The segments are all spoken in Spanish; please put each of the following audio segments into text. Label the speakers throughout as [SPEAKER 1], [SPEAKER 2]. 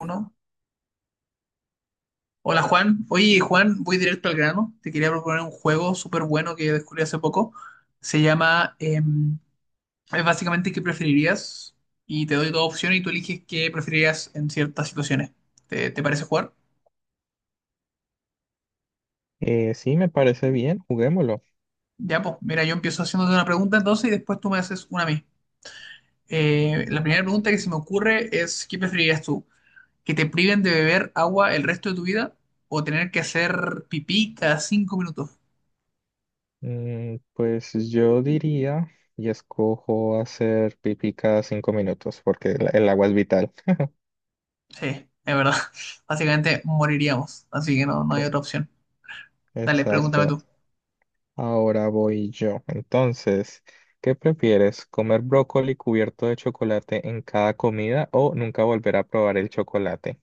[SPEAKER 1] Uno. Hola Juan. Oye Juan, voy directo al grano. Te quería proponer un juego súper bueno que descubrí hace poco. Se llama, es básicamente qué preferirías y te doy dos opciones y tú eliges qué preferirías en ciertas situaciones. ¿Te parece jugar?
[SPEAKER 2] Sí, me parece bien, juguémoslo.
[SPEAKER 1] Ya, pues mira, yo empiezo haciéndote una pregunta entonces y después tú me haces una a mí. La primera pregunta que se me ocurre es, ¿qué preferirías tú? ¿Que te priven de beber agua el resto de tu vida o tener que hacer pipí cada 5 minutos?
[SPEAKER 2] Pues yo diría y escojo hacer pipí cada 5 minutos porque el agua es vital.
[SPEAKER 1] Sí, es verdad. Básicamente moriríamos, así que no, no hay
[SPEAKER 2] Eh,
[SPEAKER 1] otra opción. Dale, pregúntame
[SPEAKER 2] Exacto.
[SPEAKER 1] tú.
[SPEAKER 2] Ahora voy yo. Entonces, ¿qué prefieres? ¿Comer brócoli cubierto de chocolate en cada comida o nunca volver a probar el chocolate?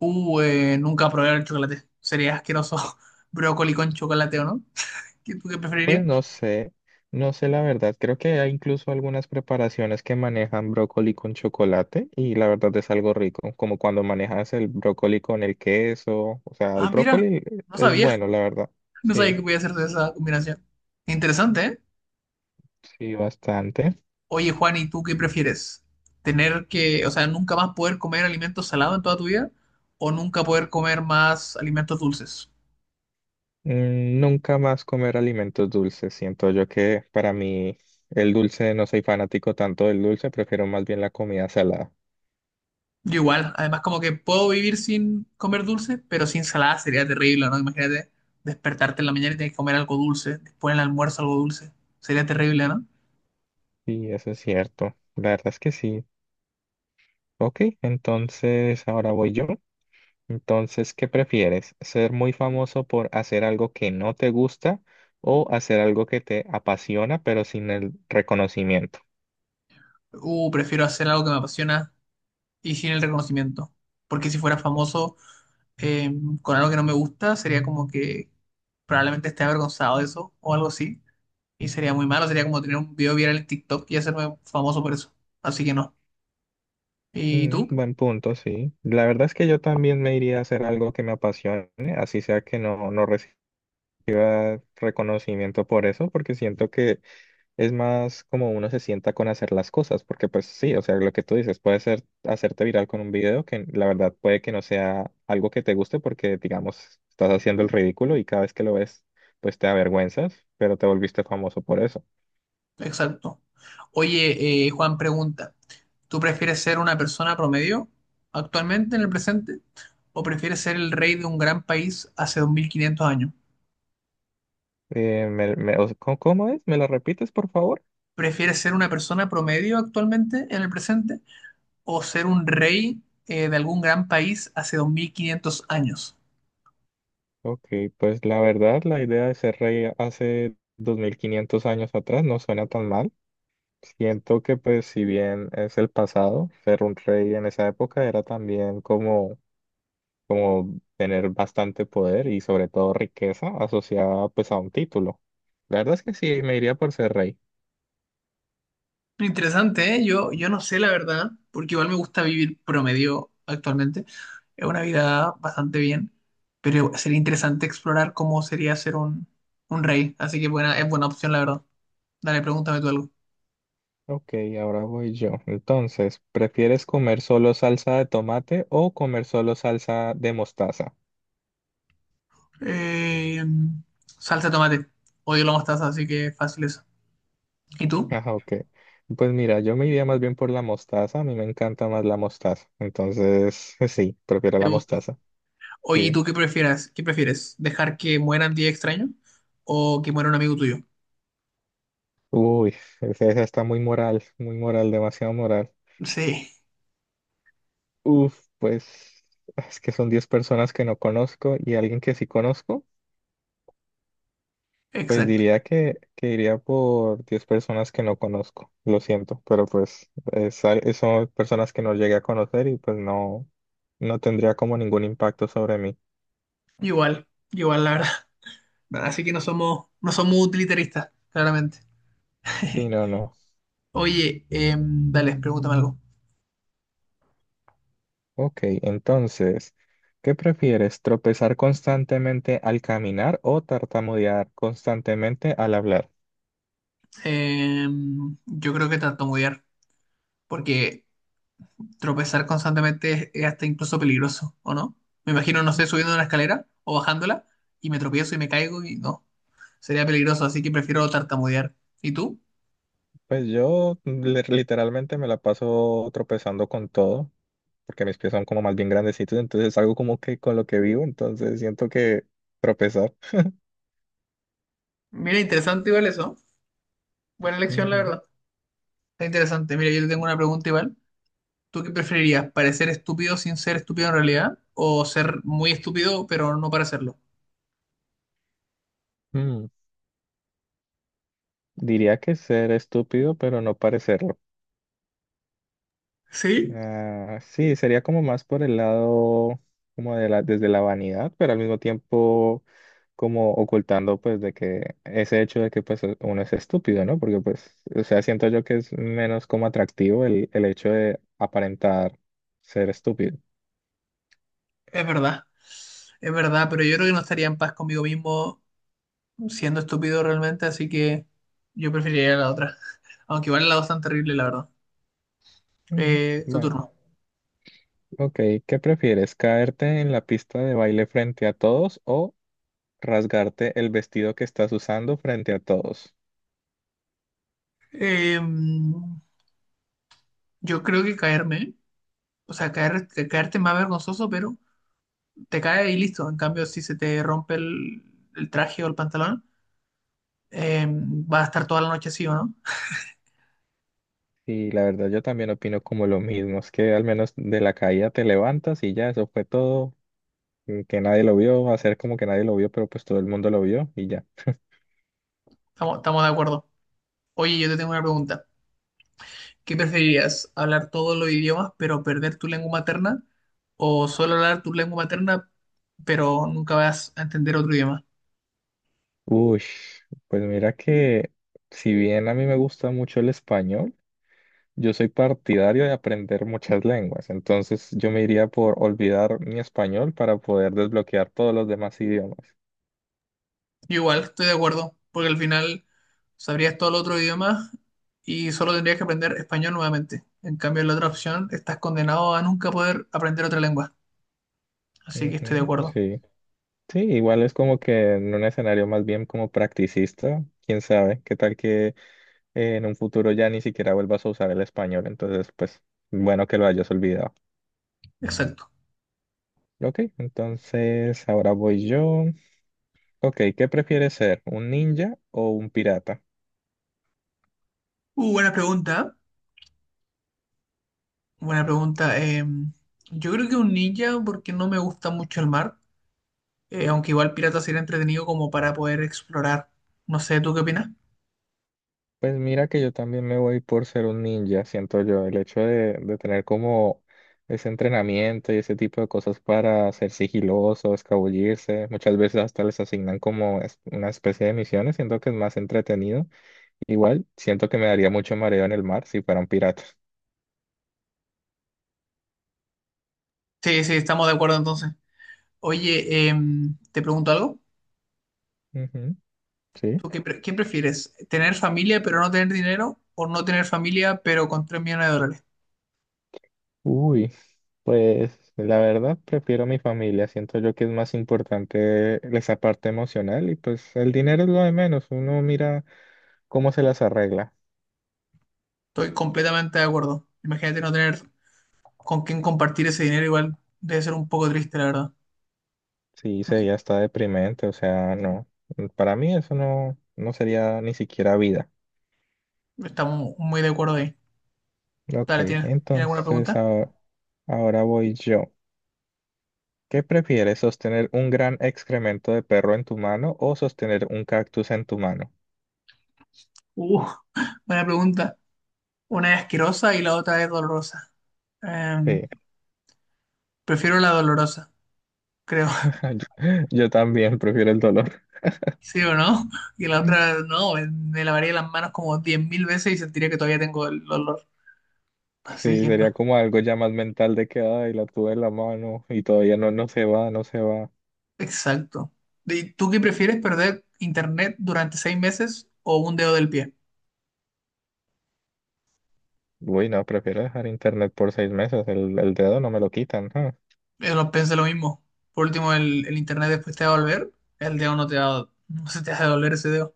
[SPEAKER 1] Nunca probé el chocolate. Sería asqueroso brócoli con chocolate, ¿o no? ¿Tú qué
[SPEAKER 2] Pues
[SPEAKER 1] preferirías?
[SPEAKER 2] no sé, no sé la verdad. Creo que hay incluso algunas preparaciones que manejan brócoli con chocolate y la verdad es algo rico, como cuando manejas el brócoli con el queso. O sea, el
[SPEAKER 1] Ah, mira,
[SPEAKER 2] brócoli
[SPEAKER 1] no
[SPEAKER 2] es
[SPEAKER 1] sabía.
[SPEAKER 2] bueno, la verdad.
[SPEAKER 1] No sabía
[SPEAKER 2] Sí,
[SPEAKER 1] que podía hacer de esa combinación. Interesante, ¿eh?
[SPEAKER 2] sí, bastante.
[SPEAKER 1] Oye, Juan, ¿y tú qué prefieres? ¿Tener que, o sea, nunca más poder comer alimentos salados en toda tu vida o nunca poder comer más alimentos dulces?
[SPEAKER 2] Nunca más comer alimentos dulces. Siento yo que para mí el dulce, no soy fanático tanto del dulce, prefiero más bien la comida salada.
[SPEAKER 1] Yo igual, además como que puedo vivir sin comer dulce, pero sin salada sería terrible, ¿no? Imagínate despertarte en la mañana y tienes que comer algo dulce, después en el almuerzo algo dulce, sería terrible, ¿no?
[SPEAKER 2] Sí, eso es cierto. La verdad es que sí. Ok, entonces ahora voy yo. Entonces, ¿qué prefieres? ¿Ser muy famoso por hacer algo que no te gusta o hacer algo que te apasiona pero sin el reconocimiento?
[SPEAKER 1] Prefiero hacer algo que me apasiona y sin el reconocimiento, porque si fuera famoso eh, con algo que no me gusta, sería como que probablemente esté avergonzado de eso o algo así, y sería muy malo, sería como tener un video viral en TikTok y hacerme famoso por eso, así que no. ¿Y tú?
[SPEAKER 2] Buen punto, sí. La verdad es que yo también me iría a hacer algo que me apasione, así sea que no reciba reconocimiento por eso, porque siento que es más como uno se sienta con hacer las cosas, porque pues sí, o sea, lo que tú dices, puede ser hacerte viral con un video que la verdad puede que no sea algo que te guste porque, digamos, estás haciendo el ridículo y cada vez que lo ves, pues te avergüenzas, pero te volviste famoso por eso.
[SPEAKER 1] Exacto. Oye, Juan pregunta, ¿tú prefieres ser una persona promedio actualmente en el presente o prefieres ser el rey de un gran país hace 2500 años?
[SPEAKER 2] ¿Cómo es? ¿Me lo repites, por favor?
[SPEAKER 1] ¿Prefieres ser una persona promedio actualmente en el presente o ser un rey de algún gran país hace 2500 años?
[SPEAKER 2] Ok, pues la verdad, la idea de ser rey hace 2500 años atrás no suena tan mal. Siento que pues si bien es el pasado, ser un rey en esa época era también como tener bastante poder y sobre todo riqueza asociada pues a un título. La verdad es que sí, me iría por ser rey.
[SPEAKER 1] Interesante, ¿eh? Yo no sé la verdad, porque igual me gusta vivir promedio actualmente. Es una vida bastante bien, pero sería interesante explorar cómo sería ser un rey. Así que buena, es buena opción, la verdad. Dale, pregúntame tú algo.
[SPEAKER 2] Ok, ahora voy yo. Entonces, ¿prefieres comer solo salsa de tomate o comer solo salsa de mostaza?
[SPEAKER 1] Eh, salsa de tomate. Odio la mostaza, así que fácil eso. ¿Y tú?
[SPEAKER 2] Ah, ok. Pues mira, yo me iría más bien por la mostaza. A mí me encanta más la mostaza. Entonces, sí, prefiero
[SPEAKER 1] ¿Te
[SPEAKER 2] la
[SPEAKER 1] gusta?
[SPEAKER 2] mostaza.
[SPEAKER 1] Oye, ¿y
[SPEAKER 2] Sí.
[SPEAKER 1] tú qué prefieres? ¿Qué prefieres? ¿Dejar que mueran 10 extraños o que muera un amigo tuyo?
[SPEAKER 2] Uy, esa está muy moral, demasiado moral.
[SPEAKER 1] Sí,
[SPEAKER 2] Uf, pues es que son 10 personas que no conozco y alguien que sí conozco, pues
[SPEAKER 1] exacto.
[SPEAKER 2] diría que iría por 10 personas que no conozco. Lo siento, pero pues es son personas que no llegué a conocer y pues no tendría como ningún impacto sobre mí.
[SPEAKER 1] Igual, igual, la verdad. Así que no somos, no somos utilitaristas, claramente.
[SPEAKER 2] Sí, no, no.
[SPEAKER 1] Oye, dale, pregúntame algo.
[SPEAKER 2] Ok, entonces, ¿qué prefieres? ¿Tropezar constantemente al caminar o tartamudear constantemente al hablar?
[SPEAKER 1] Eh, yo creo que tartamudear, porque tropezar constantemente es hasta incluso peligroso, ¿o no? Me imagino, no sé, subiendo una escalera o bajándola y me tropiezo y me caigo y no, sería peligroso, así que prefiero tartamudear. ¿Y tú?
[SPEAKER 2] Pues yo literalmente me la paso tropezando con todo. Porque mis pies son como más bien grandecitos, entonces es algo como que con lo que vivo, entonces siento que tropezar.
[SPEAKER 1] Mira, interesante igual eso. Buena elección, la
[SPEAKER 2] Ujú.
[SPEAKER 1] verdad. Está interesante. Mira, yo te tengo una pregunta igual. ¿Tú qué preferirías? ¿Parecer estúpido sin ser estúpido en realidad? ¿O ser muy estúpido pero no parecerlo?
[SPEAKER 2] Mm, Diría que ser estúpido, pero no parecerlo.
[SPEAKER 1] Sí,
[SPEAKER 2] Ah, sí, sería como más por el lado, como desde la vanidad, pero al mismo tiempo como ocultando pues de que ese hecho de que pues uno es estúpido, ¿no? Porque pues, o sea, siento yo que es menos como atractivo el hecho de aparentar ser estúpido.
[SPEAKER 1] es verdad. Es verdad, pero yo creo que no estaría en paz conmigo mismo siendo estúpido realmente, así que yo preferiría la otra. Aunque igual la dos tan terrible, la verdad.
[SPEAKER 2] Mm,
[SPEAKER 1] Tu
[SPEAKER 2] Bueno.
[SPEAKER 1] turno.
[SPEAKER 2] Ok, ¿qué prefieres? ¿Caerte en la pista de baile frente a todos o rasgarte el vestido que estás usando frente a todos?
[SPEAKER 1] Eh, yo creo que caerme, o sea, caer, caerte es más vergonzoso, pero te caes y listo. En cambio, si se te rompe el traje o el pantalón, vas a estar toda la noche así, ¿o no?
[SPEAKER 2] Y la verdad yo también opino como lo mismo, es que al menos de la caída te levantas y ya, eso fue todo, y que nadie lo vio, hacer como que nadie lo vio, pero pues todo el mundo lo vio y ya.
[SPEAKER 1] Estamos de acuerdo. Oye, yo te tengo una pregunta. ¿Qué preferirías? ¿Hablar todos los idiomas pero perder tu lengua materna? ¿O solo hablar tu lengua materna pero nunca vas a entender otro idioma?
[SPEAKER 2] Uy, pues mira que si bien a mí me gusta mucho el español. Yo soy partidario de aprender muchas lenguas, entonces yo me iría por olvidar mi español para poder desbloquear todos los demás idiomas.
[SPEAKER 1] Yo igual, estoy de acuerdo, porque al final sabrías todo el otro idioma y solo tendrías que aprender español nuevamente. En cambio, en la otra opción estás condenado a nunca poder aprender otra lengua. Así que estoy de
[SPEAKER 2] Ujú,
[SPEAKER 1] acuerdo.
[SPEAKER 2] sí. Sí, igual es como que en un escenario más bien como practicista, quién sabe, qué tal que en un futuro ya ni siquiera vuelvas a usar el español, entonces pues bueno que lo hayas olvidado.
[SPEAKER 1] Exacto.
[SPEAKER 2] Ok, entonces ahora voy yo. Ok, ¿qué prefieres ser, un ninja o un pirata?
[SPEAKER 1] Buena pregunta. Buena pregunta. Yo creo que un ninja porque no me gusta mucho el mar. Aunque igual Pirata sería entretenido como para poder explorar. No sé, ¿tú qué opinas?
[SPEAKER 2] Pues mira que yo también me voy por ser un ninja, siento yo. El hecho de tener como ese entrenamiento y ese tipo de cosas para ser sigiloso, escabullirse, muchas veces hasta les asignan como una especie de misiones, siento que es más entretenido. Igual, siento que me daría mucho mareo en el mar si fuera un pirata.
[SPEAKER 1] Sí, sí, estamos de acuerdo entonces. Oye, te pregunto algo.
[SPEAKER 2] Ujú, sí.
[SPEAKER 1] ¿Quién prefieres? ¿Tener familia pero no tener dinero o no tener familia pero con 3 millones de dólares?
[SPEAKER 2] Uy, pues la verdad prefiero mi familia, siento yo que es más importante esa parte emocional y pues el dinero es lo de menos, uno mira cómo se las arregla.
[SPEAKER 1] Estoy completamente de acuerdo. Imagínate no tener con quién compartir ese dinero, igual debe ser un poco triste, la verdad.
[SPEAKER 2] Sí, sería hasta deprimente, o sea, no. Para mí eso no sería ni siquiera vida.
[SPEAKER 1] Estamos muy de acuerdo ahí.
[SPEAKER 2] Ok,
[SPEAKER 1] Dale, ¿tienes alguna
[SPEAKER 2] entonces
[SPEAKER 1] pregunta?
[SPEAKER 2] ahora voy yo. ¿Qué prefieres, sostener un gran excremento de perro en tu mano o sostener un cactus en tu mano?
[SPEAKER 1] Uh, buena pregunta. Una es asquerosa y la otra es dolorosa. Em,
[SPEAKER 2] Sí,
[SPEAKER 1] prefiero la dolorosa, creo.
[SPEAKER 2] yo, yo también prefiero el dolor.
[SPEAKER 1] ¿Sí o no? Y la otra, no, me lavaría las manos como 10.000 veces y sentiría que todavía tengo el olor.
[SPEAKER 2] Sí,
[SPEAKER 1] Así que
[SPEAKER 2] sería
[SPEAKER 1] no.
[SPEAKER 2] como algo ya más mental de que, ay, la tuve en la mano y todavía no se va, no se va.
[SPEAKER 1] Exacto. ¿Y tú qué prefieres, perder internet durante 6 meses o un dedo del pie?
[SPEAKER 2] Uy, no, prefiero dejar internet por 6 meses, el dedo no me lo quitan.
[SPEAKER 1] Yo lo pensé lo mismo. Por último, el internet después te va a volver, el dedo no te va, no se te va a doler ese dedo.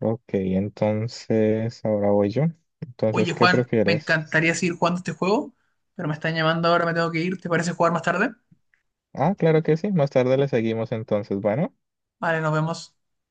[SPEAKER 2] Ok, entonces ahora voy yo. Entonces,
[SPEAKER 1] Oye,
[SPEAKER 2] ¿qué
[SPEAKER 1] Juan, me
[SPEAKER 2] prefieres?
[SPEAKER 1] encantaría seguir jugando este juego, pero me están llamando ahora, me tengo que ir. ¿Te parece jugar más tarde?
[SPEAKER 2] Ah, claro que sí. Más tarde le seguimos entonces. Bueno.
[SPEAKER 1] Vale, nos vemos.